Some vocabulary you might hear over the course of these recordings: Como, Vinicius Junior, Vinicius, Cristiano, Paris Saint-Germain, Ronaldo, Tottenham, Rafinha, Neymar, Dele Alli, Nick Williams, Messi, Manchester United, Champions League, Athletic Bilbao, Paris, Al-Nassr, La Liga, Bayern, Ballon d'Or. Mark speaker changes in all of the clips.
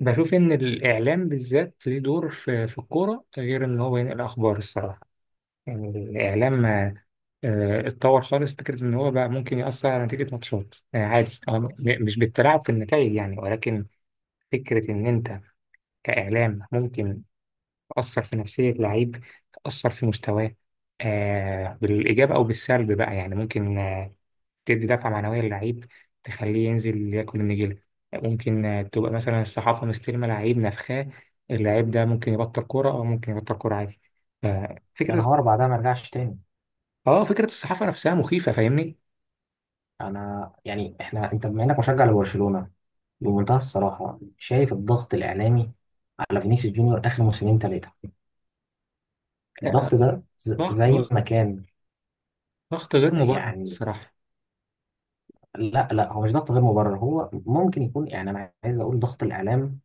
Speaker 1: بشوف إن الإعلام بالذات ليه دور في الكورة غير إن هو ينقل أخبار الصراحة. يعني الإعلام اتطور خالص. فكرة إن هو بقى ممكن يأثر على نتيجة ماتشات عادي، مش بالتلاعب في النتائج يعني، ولكن فكرة إن أنت كإعلام ممكن تأثر في نفسية لعيب، تأثر في مستواه بالإيجاب أو بالسلب بقى، يعني ممكن تدي دفعة معنوية للعيب، تخليه ينزل ياكل النجيلة. ممكن تبقى مثلا الصحافة مستلمة لعيب نفخاه، اللعيب ده ممكن يبطل كورة، أو ممكن يبطل كورة عادي.
Speaker 2: يا
Speaker 1: ففكرة
Speaker 2: نهار بعدها ما رجعش تاني.
Speaker 1: اه فكرة الصحافة نفسها مخيفة، فاهمني.
Speaker 2: انا يعني احنا انت بما انك مشجع لبرشلونه، بمنتهى الصراحه شايف الضغط الاعلامي على فينيسيوس جونيور اخر موسمين ثلاثه،
Speaker 1: آه،
Speaker 2: الضغط ده
Speaker 1: ضغط،
Speaker 2: زي
Speaker 1: ضغط
Speaker 2: ما كان
Speaker 1: ضغط غير مبرر
Speaker 2: يعني.
Speaker 1: الصراحة.
Speaker 2: لا، هو مش ضغط غير مبرر، هو ممكن يكون، يعني انا عايز اقول ضغط الاعلام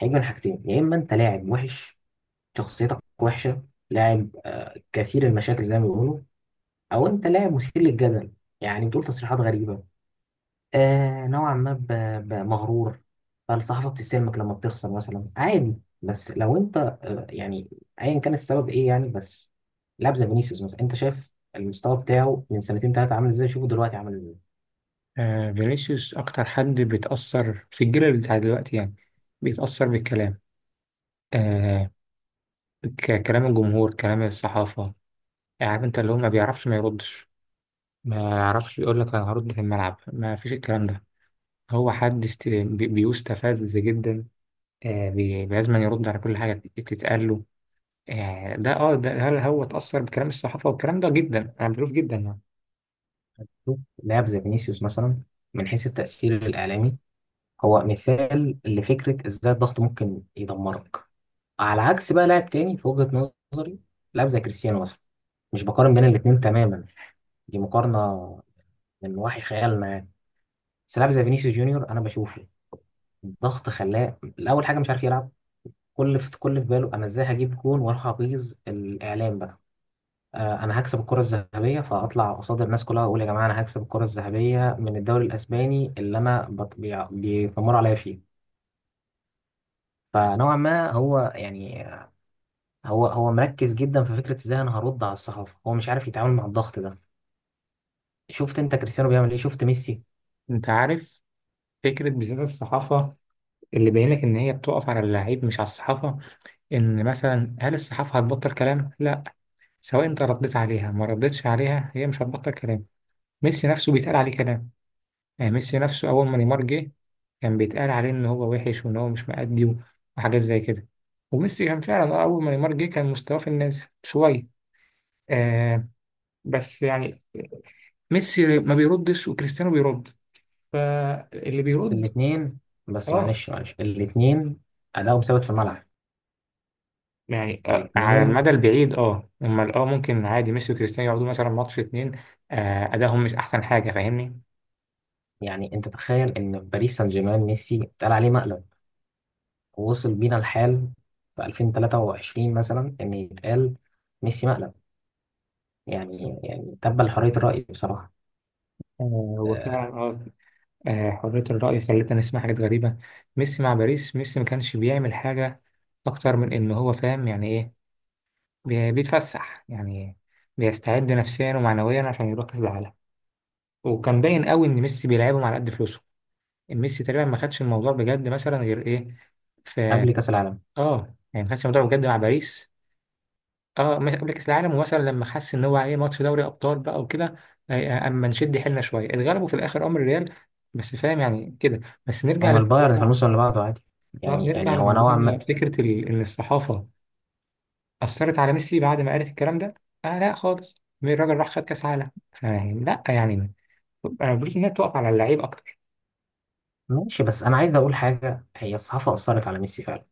Speaker 2: هيجي من حاجتين، يا اما انت لاعب وحش، شخصيتك وحشه، لاعب كثير المشاكل زي ما بيقولوا، او انت لاعب مثير للجدل، يعني بتقول تصريحات غريبه، آه نوعا ما مغرور، فالصحافة بتستلمك لما بتخسر مثلا عادي. بس لو انت يعني ايا كان السبب ايه يعني. بس لاعب زي فينيسيوس مثلا، انت شايف المستوى بتاعه من سنتين ثلاثة عامل ازاي؟ شوفه دلوقتي عامل ازاي.
Speaker 1: آه، فينيسيوس أكتر حد بيتأثر في الجيل بتاع دلوقتي، يعني بيتأثر بالكلام. آه، كلام الجمهور، كلام الصحافة. يعني عارف انت، اللي هو ما بيعرفش ما يردش، ما يعرفش يقول لك انا هرد في الملعب، ما فيش الكلام ده. هو حد بيستفز جدا، لازم يرد على كل حاجة بتتقال له. آه، ده هل هو اتأثر بكلام الصحافة والكلام ده جدا؟ أنا بشوف جدا يعني.
Speaker 2: شوف لاعب زي فينيسيوس مثلا، من حيث التأثير الإعلامي هو مثال لفكرة ازاي الضغط ممكن يدمرك. على عكس بقى لاعب تاني في وجهة نظري، لاعب زي كريستيانو مثلا. مش بقارن بين الاتنين تماما، دي مقارنة من وحي خيالنا يعني. بس لاعب زي فينيسيوس جونيور انا بشوفه الضغط خلاه الاول حاجه مش عارف يلعب. كل في باله انا ازاي هجيب جون واروح ابيظ الاعلام بقى، انا هكسب الكره الذهبيه، فاطلع قصاد الناس كلها واقول يا جماعه انا هكسب الكره الذهبيه من الدوري الاسباني اللي انا بيتمروا عليا فيه. فنوعا ما هو يعني هو مركز جدا في فكره ازاي انا هرد على الصحافه، هو مش عارف يتعامل مع الضغط ده. شفت انت كريستيانو بيعمل ايه؟ شفت ميسي؟
Speaker 1: أنت عارف فكرة بالذات الصحافة، اللي باين لك إن هي بتقف على اللعيب مش على الصحافة. إن مثلا هل الصحافة هتبطل كلام؟ لا، سواء انت رديت عليها ما رديتش عليها، هي مش هتبطل كلام. ميسي نفسه بيتقال عليه كلام. يعني ميسي نفسه اول ما نيمار جه، كان بيتقال عليه ان هو وحش وان هو مش مأدي وحاجات زي كده. وميسي كان فعلا، آه، اول ما نيمار جه كان مستواه في النازل شويه. آه، بس يعني ميسي ما بيردش وكريستيانو بيرد. فاللي
Speaker 2: بس
Speaker 1: بيرد
Speaker 2: الاثنين، بس
Speaker 1: اه،
Speaker 2: معلش الاثنين ادائهم ثابت في الملعب.
Speaker 1: يعني آه، على المدى
Speaker 2: الاثنين
Speaker 1: البعيد اه، امال اه ممكن عادي ميسي وكريستيانو يقعدوا مثلا ماتش اتنين، آه، ادائهم مش احسن حاجه، فاهمني.
Speaker 2: يعني، انت تخيل ان في باريس سان جيرمان ميسي اتقال عليه مقلب، ووصل بينا الحال في 2023 مثلا ان يتقال ميسي مقلب، يعني تبا لحرية الرأي بصراحة.
Speaker 1: آه، هو فعلا
Speaker 2: أه
Speaker 1: اه، آه، حرية الرأي خلتنا نسمع حاجات غريبة. ميسي مع باريس، ميسي ما كانش بيعمل حاجة أكتر من إن هو فاهم يعني إيه، بيتفسح يعني، بيستعد نفسيا ومعنويا عشان يروح كأس العالم. وكان باين قوي ان ميسي بيلعبهم على قد فلوسه. ميسي تقريبا ما خدش الموضوع بجد مثلا غير ايه، في
Speaker 2: قبل كأس العالم.
Speaker 1: اه، يعني ما خدش الموضوع بجد مع باريس. اه، مش قبل كأس العالم، ومثلا لما حس ان هو ايه، ماتش دوري ابطال بقى وكده، آه، آه، اما نشد حيلنا شويه اتغلبوا في الاخر امر الريال. بس فاهم يعني كده. بس نرجع
Speaker 2: هما البايرن في
Speaker 1: لموضوعنا.
Speaker 2: الموسم اللي بعده عادي،
Speaker 1: اه
Speaker 2: يعني
Speaker 1: نرجع
Speaker 2: يعني هو نوعا
Speaker 1: لموضوعنا.
Speaker 2: ما.
Speaker 1: فكره ان الصحافه أثرت على ميسي بعد ما قالت الكلام ده؟ آه لا خالص، الراجل راح خد كأس عالم، فيعني لا يعني أنا بشوف إنها بتقف على اللعيب أكتر.
Speaker 2: ماشي، بس انا عايز اقول حاجة، هي الصحافة أثرت على ميسي فعلا،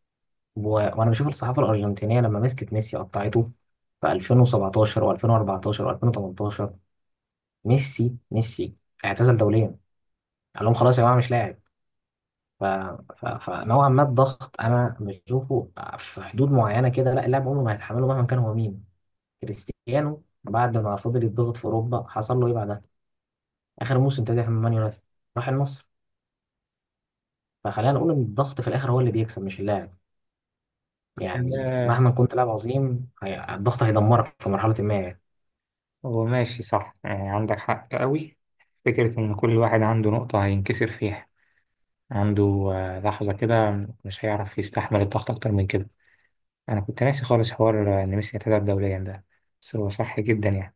Speaker 2: و- وانا بشوف الصحافة الأرجنتينية لما مسكت ميسي قطعته، في 2017 و2014 و2018 ميسي اعتزل دوليا، قال لهم خلاص يا جماعة مش لاعب. ف... فنوعا ما الضغط انا مش بشوفه في حدود معينه كده، لا، اللاعب عمره ما هيتحمله مهما كان هو مين. كريستيانو بعد ما فضل يتضغط في اوروبا حصل له ايه بعدها؟ اخر موسم ابتدى من مان يونايتد، راح النصر. فخلينا نقول ان الضغط في الاخر هو اللي بيكسب مش اللاعب. يعني
Speaker 1: آه
Speaker 2: مهما كنت لاعب عظيم، الضغط هيدمرك في مرحله ما يعني.
Speaker 1: هو ماشي صح، يعني عندك حق قوي. فكرة إن كل واحد عنده نقطة هينكسر فيها، عنده آه، لحظة كده مش هيعرف يستحمل الضغط أكتر من كده. أنا كنت ناسي خالص حوار آه، إن ميسي اعتزل دوليا ده. بس هو صح جدا يعني،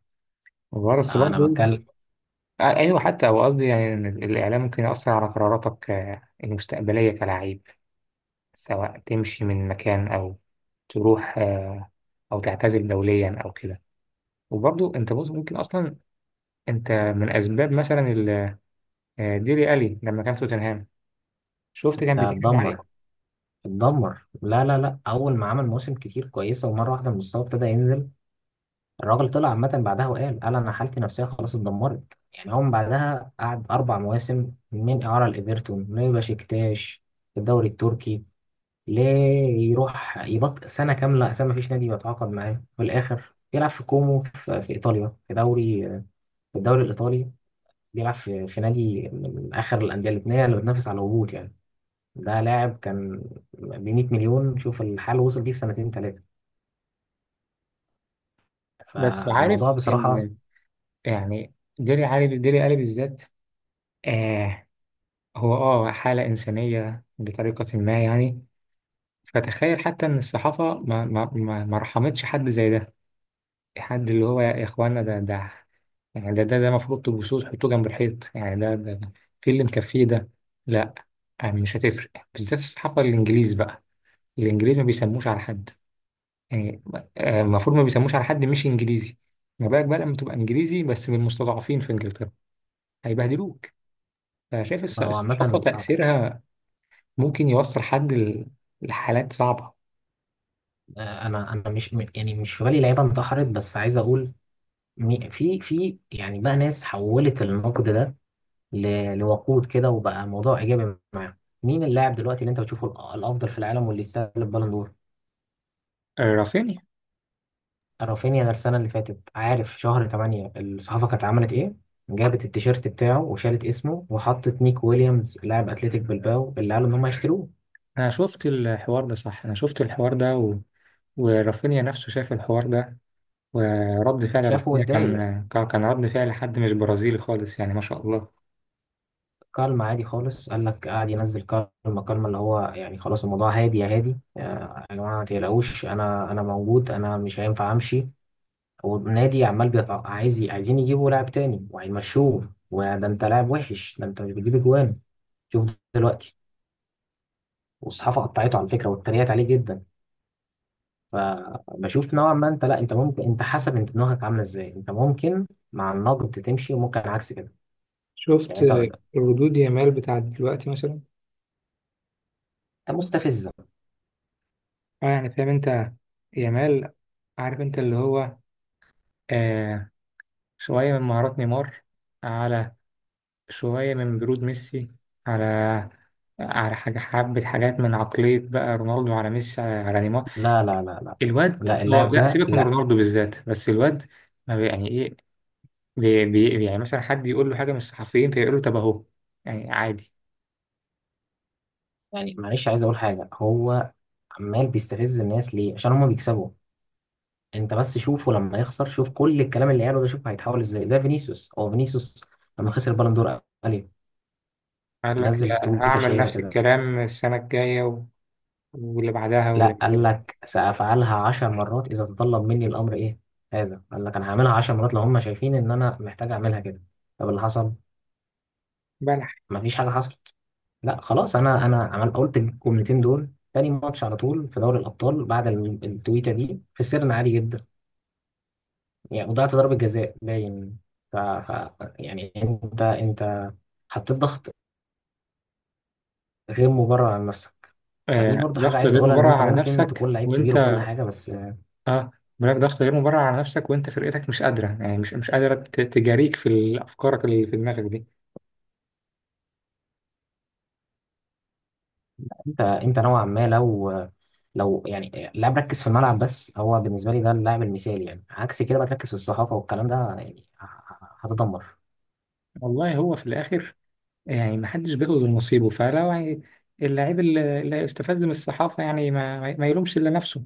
Speaker 1: وبس
Speaker 2: انا
Speaker 1: برضه
Speaker 2: بتكلم.
Speaker 1: آه، أيوه، حتى هو قصدي يعني إن الإعلام ممكن يأثر على قراراتك المستقبلية كلاعب، سواء تمشي من مكان، أو تروح أو تعتزل دوليا أو كده. وبرضو أنت بص ممكن أصلا أنت من أسباب مثلا ديلي ألي لما كان في توتنهام، شفت
Speaker 2: ده
Speaker 1: كان بيتكلم عليه.
Speaker 2: اتدمر. اتدمر لا، اول ما عمل موسم كتير كويسه ومره واحده المستوى ابتدى ينزل. الراجل طلع عامة بعدها قال أنا حالتي النفسية خلاص اتدمرت. يعني هو من بعدها قعد أربع مواسم من إعارة لإيفرتون لبشكتاش في الدوري التركي. ليه؟ يروح يبط سنة كاملة، أساسا مفيش نادي بيتعاقد معاه، في الآخر بيلعب في كومو، في إيطاليا في دوري، في الدوري الإيطالي. بيلعب في نادي من آخر الأندية اللبنانية اللي بتنافس على الهبوط يعني. ده لاعب كان ب 100 مليون، شوف الحال وصل بيه في سنتين ثلاثة.
Speaker 1: بس
Speaker 2: فالموضوع
Speaker 1: عارف
Speaker 2: بصراحة
Speaker 1: إن، يعني ديلي علي، ديلي ألي بالذات، آه هو آه حالة إنسانية بطريقة ما يعني. فتخيل حتى إن الصحافة ما رحمتش حد زي ده، حد اللي هو، يا اخوانا، ده يعني ده المفروض تبصوه تحطوه جنب الحيط، يعني ده في اللي مكفيه ده، لا. يعني مش هتفرق بالذات الصحافة الانجليز بقى، الانجليز ما بيسموش على حد، يعني آه، المفروض ما بيسموش على حد مش انجليزي، ما بالك بقى لما تبقى انجليزي بس من المستضعفين في انجلترا، هيبهدلوك. فشايف
Speaker 2: هو
Speaker 1: الصحافة
Speaker 2: عامة صعب.
Speaker 1: تأثيرها ممكن يوصل حد لحالات صعبة.
Speaker 2: انا انا مش م- يعني مش في بالي لعيبه انتحرت، بس عايز اقول في يعني بقى ناس حولت النقد ده لوقود كده وبقى موضوع ايجابي معاهم. مين اللاعب دلوقتي اللي انت بتشوفه الافضل في العالم واللي يستاهل البالون دور؟
Speaker 1: رافينيا.
Speaker 2: رافينيا؟ ده السنه اللي فاتت عارف شهر 8 الصحافه كانت عملت ايه؟ جابت التيشيرت بتاعه وشالت اسمه وحطت نيك ويليامز لاعب اتلتيك بلباو اللي قالوا ان هم هيشتروه.
Speaker 1: انا شفت الحوار ده صح، انا شفت الحوار ده، و... ورافينيا نفسه شاف الحوار ده، ورد فعل
Speaker 2: شافوا
Speaker 1: رافينيا
Speaker 2: واتضايق.
Speaker 1: كان، كان رد فعل حد مش برازيلي خالص، يعني ما شاء الله.
Speaker 2: كالما عادي خالص، قال لك قاعد ينزل، كالما اللي هو يعني خلاص الموضوع هادي يا هادي، آه، يا جماعه ما تقلقوش انا موجود، انا مش هينفع امشي، والنادي عمال عايز عايزين يجيبوا لاعب تاني وهيمشوه، وده انت لاعب وحش، ده انت مش بتجيب اجوان. شوف دلوقتي، والصحافه قطعته على فكره واتريقت عليه جدا. فبشوف نوعا ما انت، لا، انت ممكن، انت حسب انت دماغك عامله ازاي، انت ممكن مع النقد تمشي وممكن عكس كده
Speaker 1: شفت
Speaker 2: يعني. انت
Speaker 1: ردود يامال بتاعت دلوقتي مثلا؟
Speaker 2: مستفزه؟
Speaker 1: اه يعني فاهم انت، يامال، عارف انت اللي هو آه، شوية من مهارات نيمار، على شوية من برود ميسي، على على حاجة، حبة حاجات من عقلية بقى رونالدو على ميسي على, على نيمار.
Speaker 2: لا،
Speaker 1: الواد
Speaker 2: لا
Speaker 1: هو،
Speaker 2: اللاعب
Speaker 1: لا
Speaker 2: ده
Speaker 1: سيبك من
Speaker 2: لا.
Speaker 1: رونالدو بالذات، بس الواد ما بي- يعني ايه، بي بي يعني مثلا حد يقول له حاجة من الصحفيين فيقول له طب أهو، يعني عادي.
Speaker 2: يعني معلش عايز اقول حاجه، هو عمال بيستفز الناس ليه؟ عشان هما بيكسبوا. انت بس شوفه لما يخسر، شوف كل الكلام اللي قاله ده شوف هيتحول ازاي، زي فينيسيوس. فينيسيوس لما خسر البالون دور قال ايه؟
Speaker 1: قال لك
Speaker 2: نزل
Speaker 1: لا
Speaker 2: تويته
Speaker 1: هعمل
Speaker 2: شهيره
Speaker 1: نفس
Speaker 2: كده،
Speaker 1: الكلام السنة الجاية، واللي بعدها
Speaker 2: لا
Speaker 1: واللي
Speaker 2: قال
Speaker 1: بعدها
Speaker 2: لك سافعلها 10 مرات اذا تطلب مني الامر ايه. هذا قال لك انا هعملها 10 مرات لو هما شايفين ان انا محتاج اعملها كده. طب اللي حصل؟
Speaker 1: بلح.
Speaker 2: مفيش حاجه حصلت. لا خلاص، انا عمل قلت الجملتين دول تاني ماتش على طول في دوري الابطال. بعد التويته دي خسرنا عادي جدا، يعني وضعت ضربة جزاء باين. يعني انت حطيت ضغط غير مبرر على نفسك. فدي
Speaker 1: آه
Speaker 2: برضو حاجة
Speaker 1: ضغط
Speaker 2: عايز
Speaker 1: غير
Speaker 2: اقولها، ان
Speaker 1: مبرر
Speaker 2: انت
Speaker 1: على
Speaker 2: ممكن
Speaker 1: نفسك
Speaker 2: تكون لعيب كبير وكل
Speaker 1: وأنت،
Speaker 2: حاجة، بس
Speaker 1: آه بلاك ضغط غير مبرر على نفسك وأنت فرقتك مش قادرة، يعني مش قادرة تجاريك في أفكارك اللي في دماغك دي.
Speaker 2: انت نوعا ما لو، لو يعني لاعب ركز في الملعب بس، هو بالنسبة لي ده اللاعب المثالي يعني. عكس كده بقى تركز في الصحافة والكلام ده يعني هتدمر
Speaker 1: والله هو في الآخر، يعني محدش بياخد غير نصيبه، فلو يعني اللعيب اللي هيستفز من الصحافة، يعني ما يلومش إلا نفسه.